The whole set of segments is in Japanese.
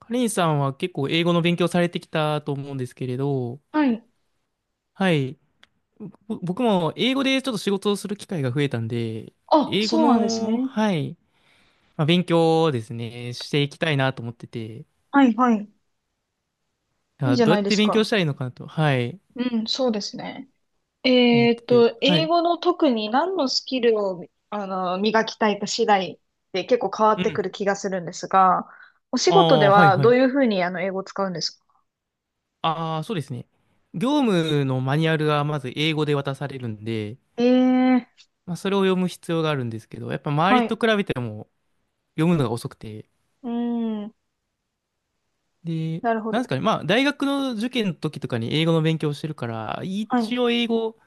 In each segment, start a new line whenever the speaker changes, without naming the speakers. カレンさんは結構英語の勉強されてきたと思うんですけれど、
はい。
はい。僕も英語でちょっと仕事をする機会が増えたんで、
あ、
英語
そうなんです
の、
ね。
はい、まあ、勉強をですね、していきたいなと思ってて、
はいはい。いい
あ、
じゃ
どう
な
や
い
っ
で
て
す
勉強
か。
したらいいのかなと、はい、
うん、そうですね。
思ってて、は
英
い。
語の特に何のスキルを、磨きたいか次第で結構変わっ
う
てく
ん。
る気がするんですが、お仕
あ
事で
あ、はい
は
は
どう
い。
いうふうに英語を使うんですか？
ああ、そうですね。業務のマニュアルがまず英語で渡されるんで、
ええー、
まあ、それを読む必要があるんですけど、やっぱ周
は
りと
い。
比べても読むのが遅くて、
うん、
で、
なるほ
なんです
ど。
かね、まあ、大学の受験の時とかに英語の勉強してるから、
はい。
一応英語、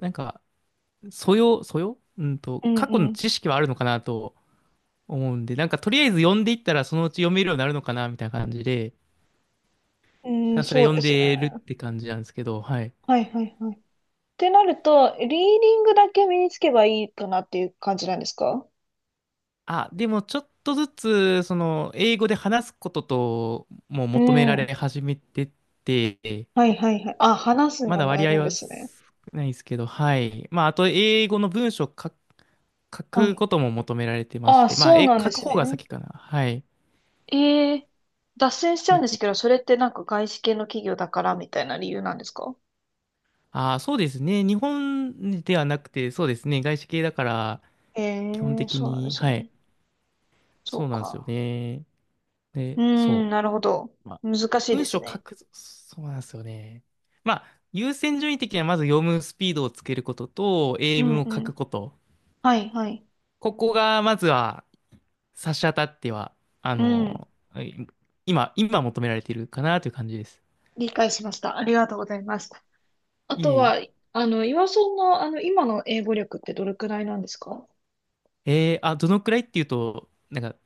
なんか、素養、
う
過去の
ん
知識はあるのかなと思うんで、なんか、とりあえず読んでいったら、そのうち読めるようになるのかな、みたいな感じで、
う
ひ
ん。うん、
たすら
そう
読ん
です
でる
ね。
って感じなんですけど、はい。
はいはいはい。ってなると、リーディングだけ身につけばいいかなっていう感じなんですか？
あ、でも、ちょっとずつ、その、英語で話すことと、もう
う
求めら
ん。
れ始めてて、
はいはいはい。あ、話す
ま
の
だ
もや
割
る
合
んで
は少
すね。
ないですけど、はい。まあ、あと、英語の文章書書
は
く
い。
ことも求められてまし
あ、
て、まあ、
そう
え、
なん
書
で
く
す
方が
ね。
先かな。はい。
ええ脱線しちゃう
で
んです
け
けど、それってなんか外資系の企業だからみたいな理由なんですか？
ああ、そうですね。日本ではなくて、そうですね。外資系だから、
え
基本
え、
的
そうなんで
に、
す
はい。
ね。そ
そう
う
なんですよ
か。
ね。で、
うーん、
そ
なるほど。
う。まあ、
難しいで
文章
す
書
ね。
く、そうなんですよね。まあ、優先順位的にはまず読むスピードをつけることと、
う
英
ん
文を書
う
く
ん。
こと。
はいはい。
ここが、まずは、差し当たっては、あ
うん。
の、はい今、今求められているかなという感じです。
理解しました。ありがとうございます。あ
いえ
と
いえ。
は、岩尾さんの、今の英語力ってどれくらいなんですか？
あ、どのくらいっていうと、なんか、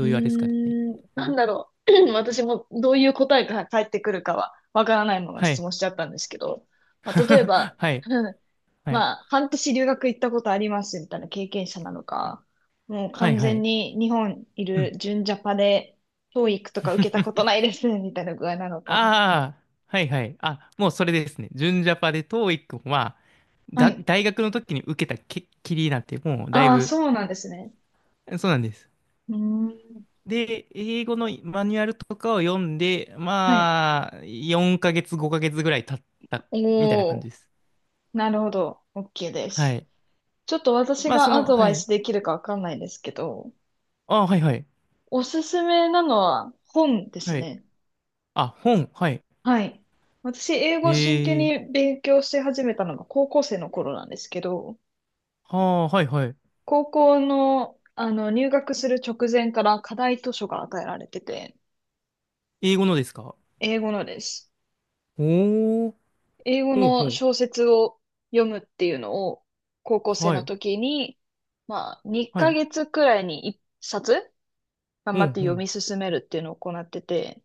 うー
ういうあれですかね。
ん、なんだろう。私もどういう答えが返ってくるかはわからないまま
は
質
い。
問しちゃったんですけど、まあ、例え ば、
はい。
うん、
はい。
まあ、半年留学行ったことありますみたいな経験者なのか、もう
はい。
完
は
全
い。
に日本い
う
る
ん。
純ジャパで教育とか受けたことないですみたいな具合なのか。
ああ、はい。はい。あ、もうそれですね。純ジャパで TOEIC は、
は
が、
い。
大学の時に受けたきりなんて、もうだい
ああ、
ぶ、
そうなんですね。
そうなんです。
うーん。
で、英語のマニュアルとかを読んで、
はい。
まあ、4ヶ月、5ヶ月ぐらい経った、みたいな
お
感
お、
じです。
なるほど。OK で
は
す。
い。
ちょっと私
まあ、そ
がア
の、
ド
は
バイス
い。
できるかわかんないですけど、
あ、はいはい。
おすすめなのは本です
はい。
ね。
あ、本、はい。
はい。私、英語を真剣
え
に
え
勉強し始めたのが高校生の頃なんですけど、
ああ、はいはい。
高校の、入学する直前から課題図書が与えられてて、
英語のですか？
英語のです。
おー、
英語
ほうほ
の
う。
小説を読むっていうのを高校生
は
の
い、
時に、まあ、
は
2
い。
ヶ月くらいに1冊頑
う
張っ
ん、
て
う
読
ん。
み進めるっていうのを行ってて、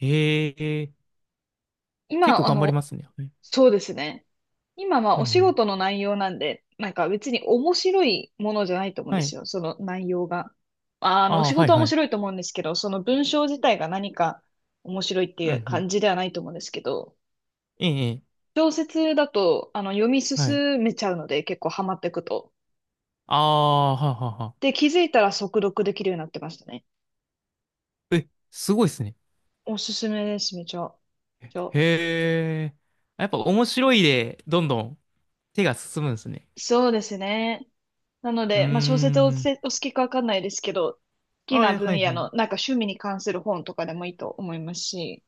ええ、結構
今、
頑張りますね。はい。
そうですね。今は
うん、
お
う
仕
ん。
事の内容なんで、なんか別に面白いものじゃないと思うんで
は
す
い。
よ、その内容が。お
ああ、
仕
はい、
事は
は
面
い。
白いと思うんですけど、その文章自体が何か面白いって
うん、
い
う
う
ん。
感じではないと思うんですけど、
ええ、ええ
小説だと、読み
はい。
進めちゃうので、結構ハマっていくと。
ああ、はあはあは
で、気づいたら速読できるようになってましたね。
あ。え、すごいですね。
おすすめです、めちゃ。めちゃ
へえ。やっぱ面白いで、どんどん手が進むんですね。
そうですね。なの
うー
で、まあ、小説を
ん。
お好きかわかんないですけど、好き
あ
な
えは
分
い、
野
はい。
の、なんか趣味に関する本とかでもいいと思いますし、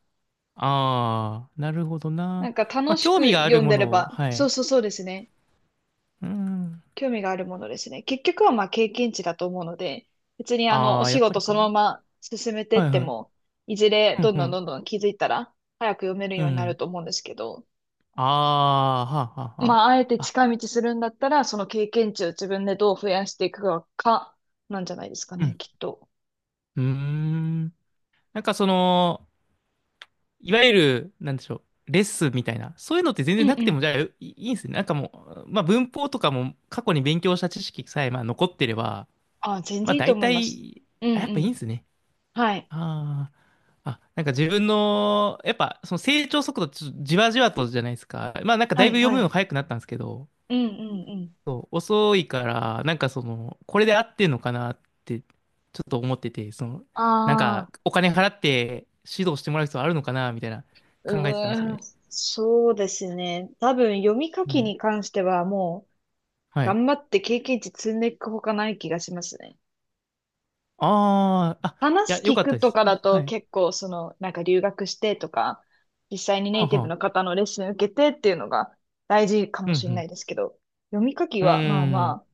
ああ、なるほど
な
な。
んか
ま
楽
あ、
し
興味
く
があ
読
る
ん
も
でれ
のを、
ば、
は
そ
い。
うそうそうですね。
うーん。
興味があるものですね。結局はまあ経験値だと思うので、別にお
ああ、や
仕
っぱ
事
り
そ
か。
の
は
まま進めて
い
って
はい。
も、いずれ
うん
どん
う
どん
ん。
どんどん気づいたら、早く読める
う
ようになる
ん。
と思うんですけど、
ああ、はあ、はあ、は
まあ、あえて
あ。あ、
近道するんだったら、その経験値を自分でどう増やしていくか、なんじゃないですか
う
ね、
ん。
きっと。
うーん。なんかその、いわゆる、なんでしょう、レッスンみたいな、そういうのって全
う
然
んう
なくても、
ん。
じゃあ、いいんですね。なんかもう、まあ文法とかも過去に勉強した知識さえ、まあ残ってれば、
あ、全
まあ
然いいと
大
思います。
体、
うんう
あ、やっぱいいんで
ん。
すね。
はい。
ああ。あ、なんか自分の、やっぱその成長速度、ちょっとじわじわとじゃないですか。まあなんかだ
は
いぶ
い、
読
は
むの
い。
早くなったんですけど、
うんうんうん。
そう、遅いから、なんかその、これで合ってんのかなって、ちょっと思ってて、その、なん
あ
か、
あ、
お金払って指導してもらう必要あるのかな、みたいな、考えてたんですよ
うーん、
ね。
そうですね。多分、読み書
は
き
い。
に関してはもう、
はい。
頑張って経験値積んでいくほかない気がしますね。
ああ、あ、い
話
や、よ
聞
かっ
く
たで
と
す。
かだ
は
と
い。
結構、なんか留学してとか、実際にネ
はあ
イティブ
は
の
あ。
方のレッスン受けてっていうのが大事か
う
もしれな
ん、
いですけど、読み書き
うん。
はまあ
うーん。
ま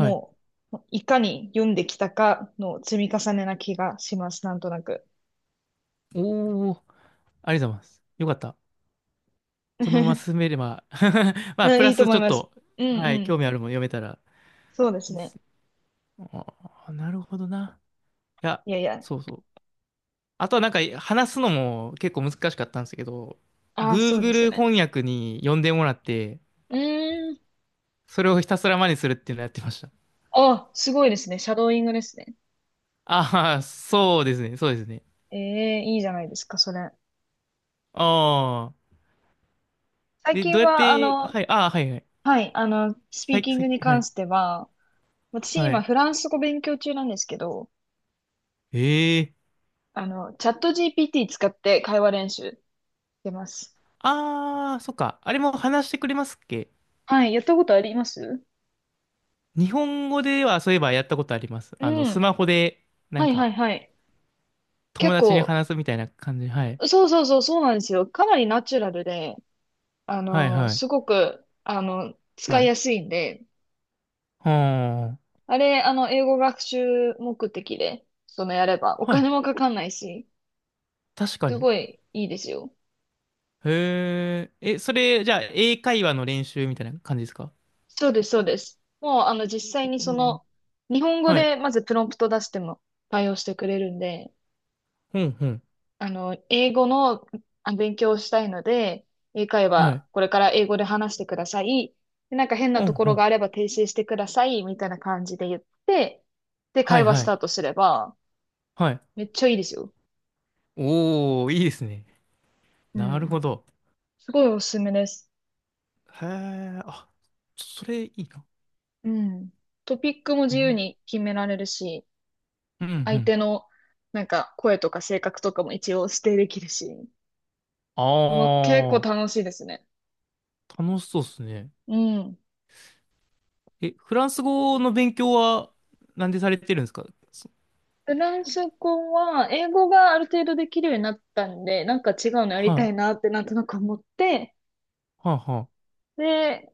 あ、
い。
もう、いかに読んできたかの積み重ねな気がします、なんとなく。
おお、ありがとうございます。よかった。このまま進め れば まあ、
う
プ
ん、い
ラ
いと
ス
思
ち
い
ょっ
ます。
と、
うん
は
う
い、興
ん。
味あるもの読めたら
そうです
いいっ
ね。
す。ああ、なるほどな。いや、
いやいや。
そうそう。あとはなんか話すのも結構難しかったんですけど、
ああ、そうですよ
Google
ね。
翻訳に呼んでもらって、
うーん。
それをひたすら真似するっていうのをやってました。
あ、すごいですね。シャドーイングですね。
ああ、そうですね、そうですね。
ええ、いいじゃないですか、それ。
ああ。
最
え、
近
どうやっ
は、
て、はい、ああ、はいはい。
はい、スピ
は
ー
い、
キン
さっ
グに
き、は
関
い、
しては、私
は
今
い。
フランス語勉強中なんですけど、
ええ
チャット GPT 使って会話練習してます。
ああ、そっか。あれも話してくれますっけ？
はい、やったことあります。
日本語ではそういえばやったことあります。
う
あの、ス
ん。
マホで、な
は
ん
いは
か、
いはい。結
友達に
構、
話すみたいな感じ。はい。
そうそうそう、そうなんですよ。かなりナチュラルで、
はい、はい、
すごく、使
は
い
い。
やすいんで、
は
あれ、あの、英語学習目的で、やれば、お
あ、はい。
金もかかんないし、
確か
す
に。
ごいいいですよ。
へえ、え、それ、じゃあ、英会話の練習みたいな感じですか？
そうです、そうです。もう、実際に
うん。
日本語
はい。
でまずプロンプト出しても対応してくれるんで、
うん、うん。
英語の勉強をしたいので、英会
は
話、
い。
これから英語で話してください。で、なんか変な
う
と
ん、
こ
う
ろが
ん。
あれば訂正してください、みたいな感じで言って、で、
は
会
い、
話ス
は
タ
い。
ートすれば、
はい。
めっちゃいいですよ。
おー、いいですね。
う
なる
ん。
ほど。
すごいおすすめです。
へえ、あ、それいいな。
うん。トピックも
う
自由
ん、
に決められるし、
うん、う
相
ん。
手のなんか声とか性格とかも一応指定できるし、
あ
結構
ー、
楽しいですね。
楽しそうですね。
うん。
え、フランス語の勉強は、なんでされてるんですか？そ
フランス語は、英語がある程度できるようになったんで、なんか違うのやりた
は
いなってなんとなく思って、
い、はい、はい。
で、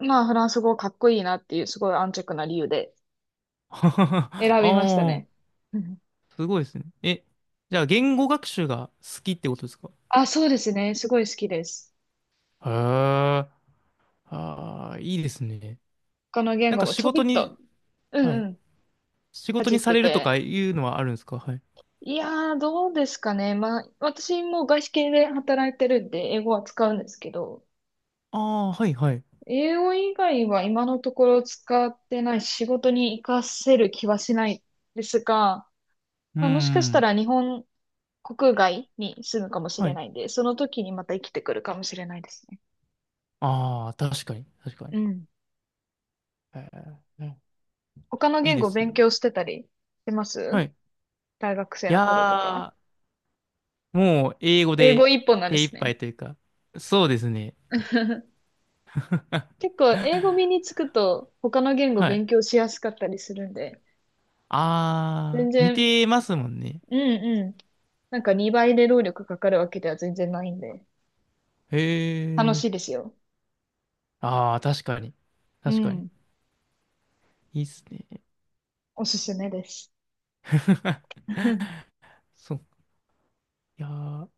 まあフランス語かっこいいなっていうすごい安直な理由で 選びました
あー、
ね。うん。
すごいですね。え、じゃあ、言語学習が好きってことですか？
あ、そうですね。すごい好きです。
へえ。ああ、いいですね。
他の言
なん
語
か
も
仕
ちょび
事
っ
に、
と、う
は
ん
い。
うん、
仕
かっ
事に
て
されるとか
て。
いうのはあるんですか？はい。
いやー、どうですかね。まあ、私も外資系で働いてるんで、英語は使うんですけど、
ああ、はい、はい。う
英語以外は今のところ使ってないし仕事に活かせる気はしないですが、
ー
まあ、もしかした
ん。
ら日本国外に住むかもし
は
れ
い。
ないんで、その時にまた生きてくるかもしれないですね。
ああ、確かに、確かに。
うん。
えー
他の
いい
言
で
語
す
勉
ね。
強してたりしてま
は
す？
い。
大学生
い
の頃とか。
やー、もう英語
英語
で
一本なんで
手一
すね。
杯というか、そうですね。
結構英語身につくと他の言語
は
勉
い。
強しやすかったりするんで、
あ
全
あ、似
然、
てますもんね。
うんうん。なんか2倍で労力かかるわけでは全然ないんで。
へ
楽しいで
え。
すよ。
ああ、確かに。
う
確かに。
ん。
いいっすね。
おすすめです。
そう。いやー、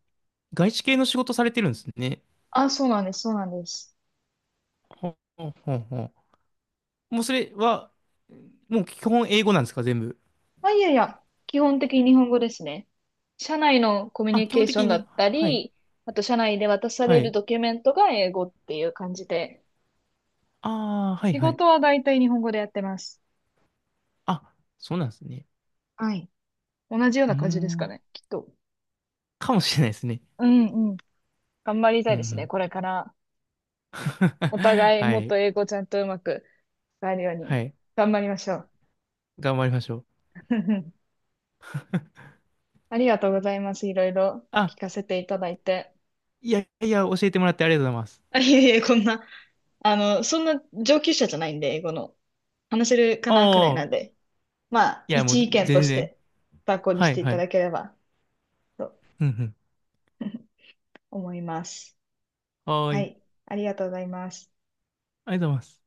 外資系の仕事されてるんですね。
あ、そうなんです、そうなんです。
ほうほうほう。もうそれは、もう基本英語なんですか、全部。
まあ、いやいや、基本的に日本語ですね。社内のコミュ
あ、
ニ
基
ケ
本
ーショ
的
ンだ
に、
った
はい、
り、あと社内で渡さ
は
れる
い。
ドキュメントが英語っていう感じで、
ああ、はい、
仕
はい。
事は大体日本語でやってます。
あ、そうなんですね。
はい。同じよう
うー
な感じですか
ん、
ね、きっと。
かもしれないですね。
うんうん。頑張り
う
た
ん、
い
う
ですね、
ん。
これから。お 互い
は
もっと
い、
英語ちゃんとうまく使えるように
はい。
頑張りましょう。
頑張りましょう。
ありがとうございます。いろいろ
あ、
聞かせていただいて。
いやいや、教えてもらってありがとうございます。
あ、いえいえ、こんな、そんな上級者じゃないんで、英語の。話せるかなくらい
あ
なん
あ、
で、まあ、
いや、も
一
う
意
全
見とし
然。
て参考に
は
し
い、
てい
は
た
い。
だければと
うん、うん。
思います。
はー
は
い。
い、ありがとうございます。
ありがとうございます。